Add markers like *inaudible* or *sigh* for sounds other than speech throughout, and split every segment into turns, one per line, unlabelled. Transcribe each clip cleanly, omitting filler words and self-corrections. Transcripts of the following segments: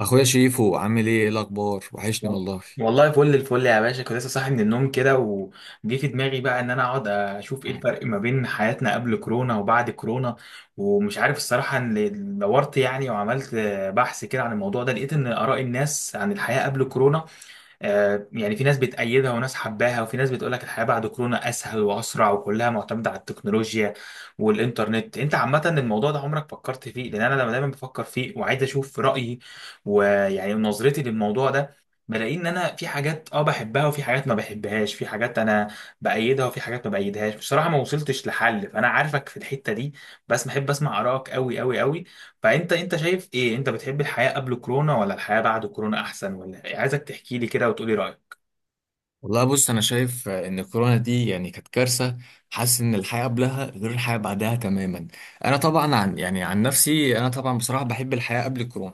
اخويا شريفو، عامل إيه الاخبار؟ وحشني
وال-
والله.
والله فل الفل يا باشا، كنت لسه صاحي من النوم كده وجه في دماغي بقى ان انا اقعد اشوف ايه الفرق ما بين حياتنا قبل كورونا وبعد كورونا. ومش عارف الصراحه ان دورت يعني وعملت بحث كده عن الموضوع ده، لقيت ان اراء الناس عن الحياه قبل كورونا، يعني في ناس بتأيدها وناس حباها وفي ناس بتقولك الحياة بعد كورونا أسهل وأسرع وكلها معتمدة على التكنولوجيا والإنترنت. أنت عامة الموضوع ده عمرك فكرت فيه؟ لأن أنا لما دايما بفكر فيه وعايز أشوف رأيي ويعني نظرتي للموضوع ده، بلاقي إن أنا في حاجات بحبها وفي حاجات ما بحبهاش، في حاجات أنا بأيدها وفي حاجات ما بأيدهاش. بصراحة ما وصلتش لحل، فأنا عارفك في الحتة دي، بس بحب أسمع آرائك أوي أوي أوي. فانت شايف ايه؟ انت بتحب الحياة قبل كورونا ولا الحياة بعد كورونا احسن ولا إيه؟ عايزك تحكي لي كده وتقولي رأيك.
والله بص، انا شايف ان الكورونا دي يعني كانت كارثه. حاسس ان الحياه قبلها غير الحياه بعدها تماما. انا طبعا عن نفسي، انا طبعا بصراحه بحب الحياه قبل الكورونا.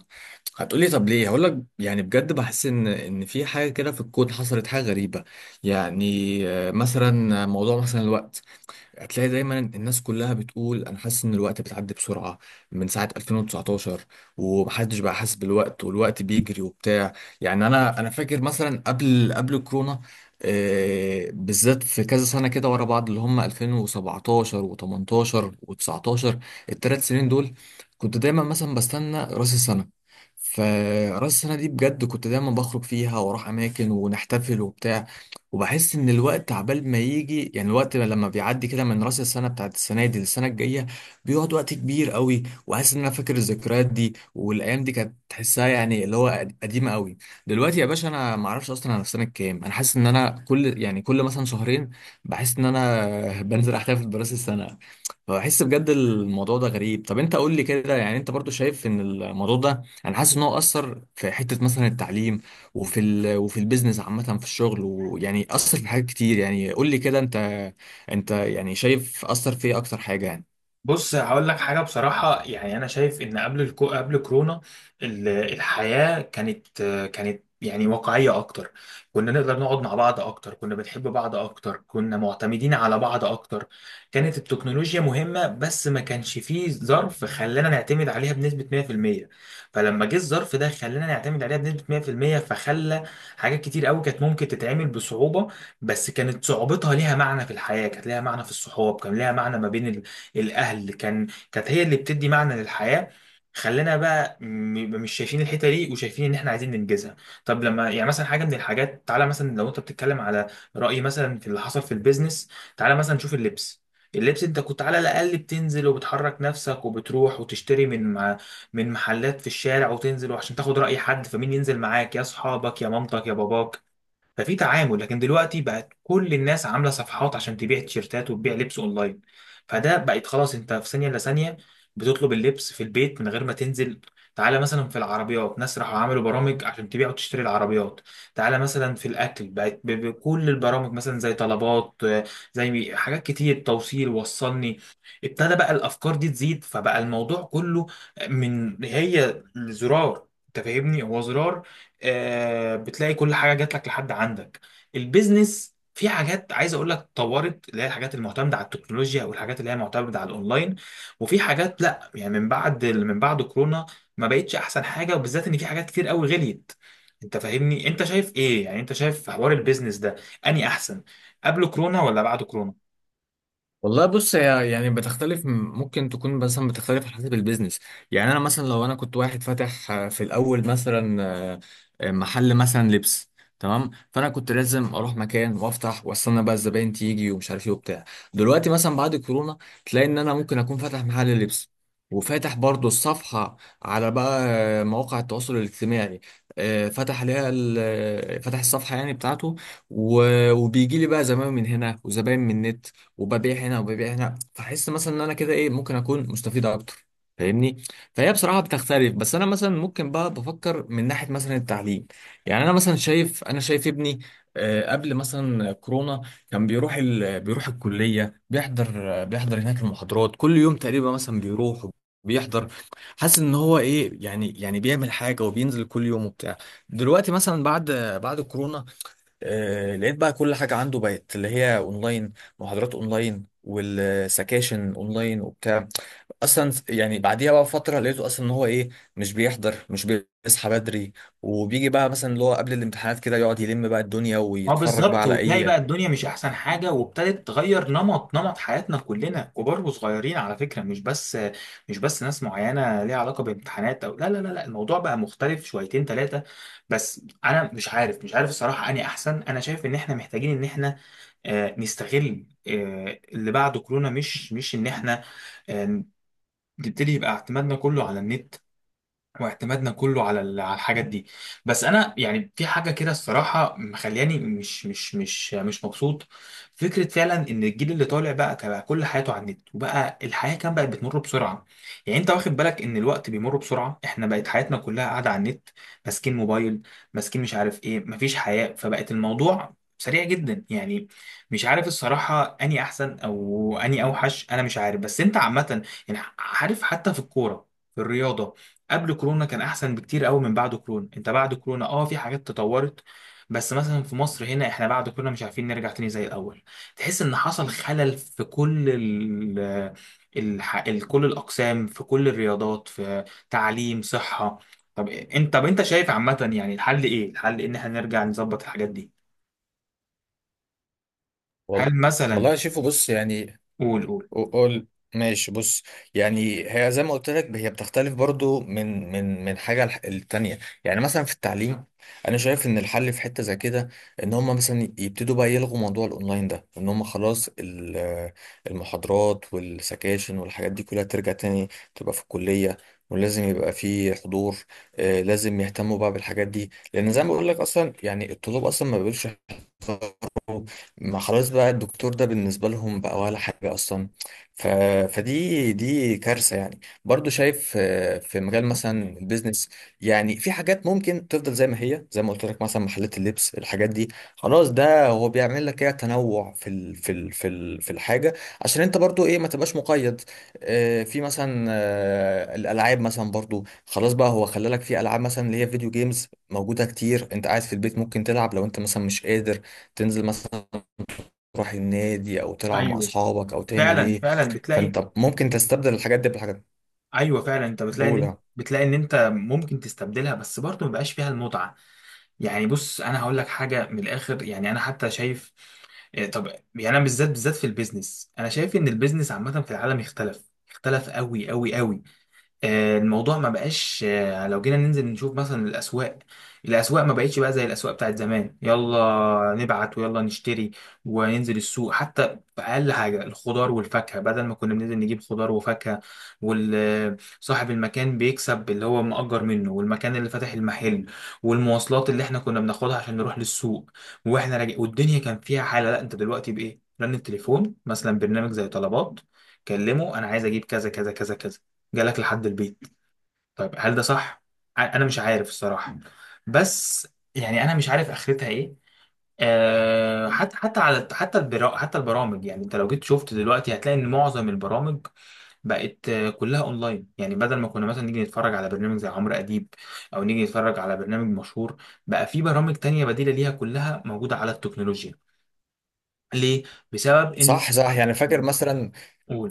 هتقولي طب ليه؟ هقول لك يعني بجد بحس ان في حاجه كده في الكون حصلت، حاجه غريبه يعني. مثلا موضوع مثلا الوقت. هتلاقي دايما الناس كلها بتقول انا حاسس ان الوقت بتعدي بسرعه من ساعه 2019. ومحدش بقى حاسس بالوقت، والوقت بيجري وبتاع. يعني انا فاكر مثلا قبل الكورونا، بالذات في كذا سنه كده ورا بعض، اللي هم 2017 و18 و19، الثلاث سنين دول. كنت دايما مثلا بستنى راس السنه، فراس السنة دي بجد كنت دايما بخرج فيها واروح أماكن ونحتفل وبتاع. وبحس ان الوقت عبال ما يجي، يعني الوقت لما بيعدي كده من راس السنه بتاعت السنه دي للسنه الجايه، بيقعد وقت كبير قوي. وحاسس ان انا فاكر الذكريات دي، والايام دي كانت تحسها يعني اللي هو قديمه قوي. دلوقتي يا باشا انا ما اعرفش اصلا انا في سنه كام، انا حاسس ان انا كل مثلا شهرين بحس ان انا *laughs* بنزل احتفل براس السنه. فبحس بجد الموضوع ده غريب. طب انت قول لي كده، يعني انت برضو شايف ان الموضوع ده، انا حاسس ان هو اثر في حته مثلا التعليم، وفي البيزنس عامة، في الشغل، ويعني أثر في حاجات كتير. يعني قول لي كده أنت يعني شايف أثر في إيه أكتر حاجة يعني؟
بص هقول لك حاجة بصراحة، يعني أنا شايف إن قبل كورونا، الحياة كانت يعني واقعية أكتر. كنا نقدر نقعد مع بعض أكتر، كنا بنحب بعض أكتر، كنا معتمدين على بعض أكتر. كانت التكنولوجيا مهمة بس ما كانش فيه ظرف خلانا نعتمد عليها بنسبة 100%. فلما جه الظرف ده خلانا نعتمد عليها بنسبة 100%، فخلى حاجات كتير قوي كانت ممكن تتعمل بصعوبة، بس كانت صعوبتها ليها معنى في الحياة، كانت ليها معنى في الصحاب، كان ليها معنى ما بين الاهل، كانت هي اللي بتدي معنى للحياه. خلينا بقى مش شايفين الحته دي وشايفين ان احنا عايزين ننجزها. طب لما يعني مثلا حاجه من الحاجات، تعالى مثلا لو انت بتتكلم على راي مثلا في اللي حصل في البيزنس، تعالى مثلا نشوف اللبس. اللبس انت كنت على الاقل بتنزل وبتحرك نفسك وبتروح وتشتري من محلات في الشارع وتنزل وعشان تاخد راي حد، فمين ينزل معاك؟ يا اصحابك يا مامتك يا باباك، ففي تعامل. لكن دلوقتي بقت كل الناس عامله صفحات عشان تبيع تيشيرتات وتبيع لبس اونلاين، فده بقت خلاص انت في ثانيه الا ثانيه بتطلب اللبس في البيت من غير ما تنزل. تعالى مثلا في العربيات، ناس راحوا عملوا برامج عشان تبيع وتشتري العربيات. تعالى مثلا في الاكل، بقت بكل البرامج مثلا زي طلبات، زي حاجات كتير توصيل وصلني. ابتدى بقى الافكار دي تزيد، فبقى الموضوع كله من هي زرار، انت فاهمني؟ هو زرار، بتلاقي كل حاجه جات لك لحد عندك. البيزنس في حاجات عايز اقول لك طورت، اللي هي الحاجات المعتمده على التكنولوجيا او الحاجات اللي هي معتمده على الاونلاين، وفي حاجات لا، يعني من بعد كورونا ما بقتش احسن حاجه، وبالذات ان في حاجات كتير قوي غليت. انت فاهمني؟ انت شايف ايه يعني؟ انت شايف في حوار البيزنس ده اني احسن قبل كورونا ولا بعد كورونا؟
والله بص، هي يعني بتختلف، ممكن تكون مثلا بتختلف على حسب البيزنس. يعني انا مثلا لو انا كنت واحد فاتح، في الاول مثلا آه، محل مثلا لبس، تمام. فانا كنت لازم اروح مكان وافتح واستنى بقى الزباين تيجي ومش عارف ايه وبتاع. دلوقتي مثلا بعد كورونا تلاقي ان انا ممكن اكون فاتح محل لبس، وفاتح برضو الصفحة على بقى مواقع التواصل الاجتماعي، آه، فتح عليها ال- آه، فتح الصفحة يعني بتاعته، وبيجي لي بقى زباين من هنا وزباين من النت، وببيع هنا وببيع هنا. فحس مثلا ان انا كده ايه ممكن اكون مستفيد اكتر، فاهمني؟ فهي بصراحه بتختلف. بس انا مثلا ممكن بقى بفكر من ناحيه مثلا التعليم. يعني انا مثلا شايف ابني قبل مثلا كورونا كان بيروح الكليه، بيحضر، بيحضر هناك المحاضرات كل يوم تقريبا، مثلا بيروح بيحضر، حاسس ان هو ايه يعني، يعني بيعمل حاجه وبينزل كل يوم وبتاع. دلوقتي مثلا بعد كورونا لقيت بقى كل حاجة عنده بقت اللي هي اونلاين، محاضرات اونلاين والسكاشن اونلاين وبتاع. اصلا يعني بعديها بقى فترة لقيته اصلا ان هو ايه، مش بيحضر، مش بيصحى بدري، وبيجي بقى مثلا اللي هو قبل الامتحانات كده يقعد يلم بقى الدنيا
اه
ويتفرج بقى
بالظبط.
على
وتلاقي
اي.
بقى الدنيا مش احسن حاجه وابتدت تغير نمط حياتنا كلنا كبار وصغيرين، على فكره مش بس ناس معينه ليها علاقه بامتحانات او لا لا لا لا، الموضوع بقى مختلف شويتين ثلاثه. بس انا مش عارف الصراحه اني احسن. انا شايف ان احنا محتاجين ان احنا نستغل اللي بعد كورونا، مش ان احنا آه، نبتدي يبقى اعتمادنا كله على النت واعتمادنا كله على على الحاجات دي. بس انا يعني في حاجه كده الصراحه مخلياني مش مبسوط. فكره فعلا ان الجيل اللي طالع بقى كل حياته على النت، وبقى الحياه بقت بتمر بسرعه. يعني انت واخد بالك ان الوقت بيمر بسرعه؟ احنا بقت حياتنا كلها قاعده على النت، ماسكين موبايل، ماسكين مش عارف ايه، مفيش حياه، فبقت الموضوع سريع جدا يعني. مش عارف الصراحه اني احسن او اني اوحش، انا مش عارف. بس انت عامه، يعني عارف، حتى في الكوره، في الرياضه قبل كورونا كان احسن بكتير قوي من بعد كورونا. انت بعد كورونا في حاجات تطورت، بس مثلا في مصر هنا احنا بعد كورونا مش عارفين نرجع تاني زي الاول. تحس ان حصل خلل في كل كل الاقسام، في كل الرياضات، في تعليم، صحة. طب انت شايف عامة، يعني الحل ايه؟ الحل ان احنا نرجع نظبط الحاجات دي،
وال-
هل مثلا.
والله شايفه، بص يعني،
قول قول.
قول. ماشي بص. يعني هي زي ما قلت لك هي بتختلف برضو من حاجه للتانيه. يعني مثلا في التعليم انا شايف ان الحل في حته زي كده، ان هم مثلا يبتدوا بقى يلغوا موضوع الاونلاين ده، ان هم خلاص المحاضرات والسكاشن والحاجات دي كلها ترجع تاني، تبقى في الكليه، ولازم يبقى في حضور. لازم يهتموا بقى بالحاجات دي، لان زي ما بقول لك اصلا يعني الطلاب اصلا ما بيقولش، ما خلاص بقى الدكتور ده بالنسبة لهم بقى ولا حاجة أصلا. ف... فدي كارثة يعني. برضو شايف في مجال مثلا البيزنس، يعني في حاجات ممكن تفضل زي ما هي، زي ما قلت لك مثلا محلات اللبس، الحاجات دي خلاص، ده هو بيعمل لك ايه تنوع في الحاجة، عشان انت برضو ايه ما تبقاش مقيد. في مثلا الألعاب، مثلا برضو خلاص بقى هو خلى لك في ألعاب، مثلا اللي هي فيديو جيمز موجودة كتير، انت قاعد في البيت ممكن تلعب، لو انت مثلا مش قادر تنزل مثلا تروح النادي او تلعب مع
ايوه
اصحابك او تعمل
فعلا
ايه.
فعلا بتلاقي.
فانت ممكن تستبدل الحاجات دي بحاجات
ايوه فعلا انت بتلاقي ان
اولى.
انت ممكن تستبدلها، بس برضه ما بقاش فيها المتعة. يعني بص انا هقول لك حاجه من الاخر، يعني انا حتى شايف إيه، طب، يعني انا بالذات بالذات في البيزنس، انا شايف ان البيزنس عامه في العالم اختلف اختلف قوي قوي قوي. الموضوع ما بقاش، لو جينا ننزل نشوف مثلا الأسواق، الأسواق ما بقتش بقى زي الأسواق بتاعت زمان. يلا نبعت ويلا نشتري وننزل السوق حتى بأقل حاجة، الخضار والفاكهة. بدل ما كنا بننزل نجيب خضار وفاكهة وصاحب المكان بيكسب اللي هو مأجر منه، والمكان اللي فاتح المحل، والمواصلات اللي احنا كنا بناخدها عشان نروح للسوق واحنا راجع، والدنيا كان فيها حالة، لا، انت دلوقتي بإيه؟ رن التليفون، مثلا برنامج زي طلبات، كلمه انا عايز اجيب كذا كذا كذا كذا، جالك لحد البيت. طيب هل ده صح؟ انا مش عارف الصراحه، بس يعني انا مش عارف اخرتها ايه. أه حتى حتى على حتى البرا حتى البرامج، يعني انت لو جيت شفت دلوقتي هتلاقي ان معظم البرامج بقت كلها اونلاين. يعني بدل ما كنا مثلا نيجي نتفرج على برنامج زي عمرو اديب او نيجي نتفرج على برنامج مشهور، بقى في برامج تانية بديلة ليها كلها موجودة على التكنولوجيا. ليه؟ بسبب ان.
صح، صح، يعني فاكر مثلا،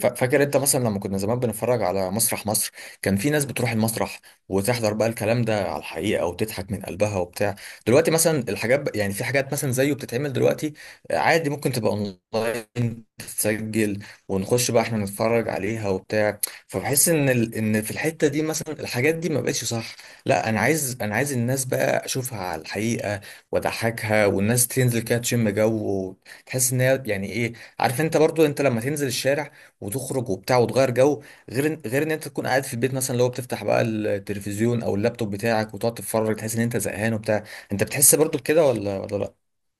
فاكر انت مثلا لما كنا زمان بنتفرج على مسرح مصر، كان في ناس بتروح المسرح وتحضر بقى الكلام ده على الحقيقة وتضحك من قلبها وبتاع. دلوقتي مثلا الحاجات يعني في حاجات مثلا زيه بتتعمل دلوقتي عادي، ممكن تبقى اونلاين تتسجل ونخش بقى احنا نتفرج عليها وبتاع. فبحس ان في الحتة دي مثلا الحاجات دي ما بقتش صح. لا انا عايز الناس بقى اشوفها على الحقيقة، واضحكها، والناس تنزل كده تشم جو، وتحس ان هي يعني ايه. عارف انت برضو، انت لما تنزل الشارع وتخرج وبتاع وتغير جو، غير ان انت تكون قاعد في البيت، مثلا لو بتفتح بقى التلفزيون او اللابتوب بتاعك وتقعد تتفرج تحس ان انت زهقان وبتاع. انت بتحس برضو بكده، ولا لا؟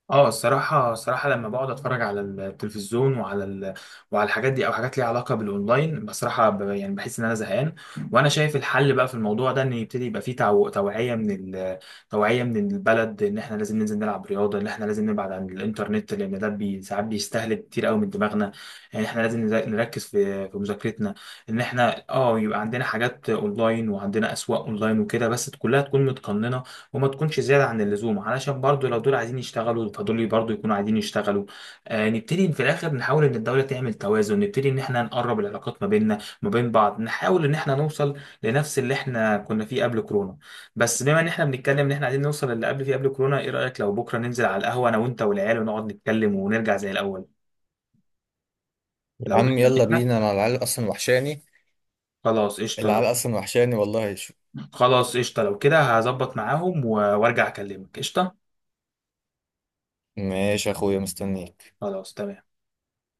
اه، الصراحة الصراحة لما بقعد اتفرج على التلفزيون وعلى الحاجات دي او حاجات ليها علاقة بالاونلاين، بصراحة يعني بحس ان انا زهقان. وانا شايف الحل بقى في الموضوع ده، ان يبتدي يبقى فيه توعية ال... من البلد، ان احنا لازم ننزل نلعب رياضة، ان احنا لازم نبعد عن الانترنت لان ده ساعات بيستهلك كتير قوي من دماغنا. يعني احنا لازم نركز في مذاكرتنا. ان احنا يبقى عندنا حاجات اونلاين وعندنا اسواق اونلاين وكده بس كلها تكون متقننة وما تكونش زيادة عن اللزوم، علشان برضو لو دول عايزين يشتغلوا فدول برضو يكونوا عايزين يشتغلوا. نبتدي في الآخر نحاول إن الدولة تعمل توازن، نبتدي إن إحنا نقرب العلاقات ما بيننا ما بين بعض، نحاول إن إحنا نوصل لنفس اللي إحنا كنا فيه قبل كورونا. بس بما إن إحنا بنتكلم إن إحنا عايزين نوصل للي قبل فيه قبل كورونا، إيه رأيك لو بكرة ننزل على القهوة أنا وأنت والعيال ونقعد نتكلم ونرجع زي الأول؟
يا
لو
عم
جاية
يلا
منك.
بينا، انا العيال اصلا وحشاني،
خلاص قشطة لو
العيال اصلا وحشاني والله شو.
خلاص قشطة لو كده هظبط معاهم وارجع أكلمك. قشطة،
ماشي يا اخويا مستنيك.
خلاص تمام.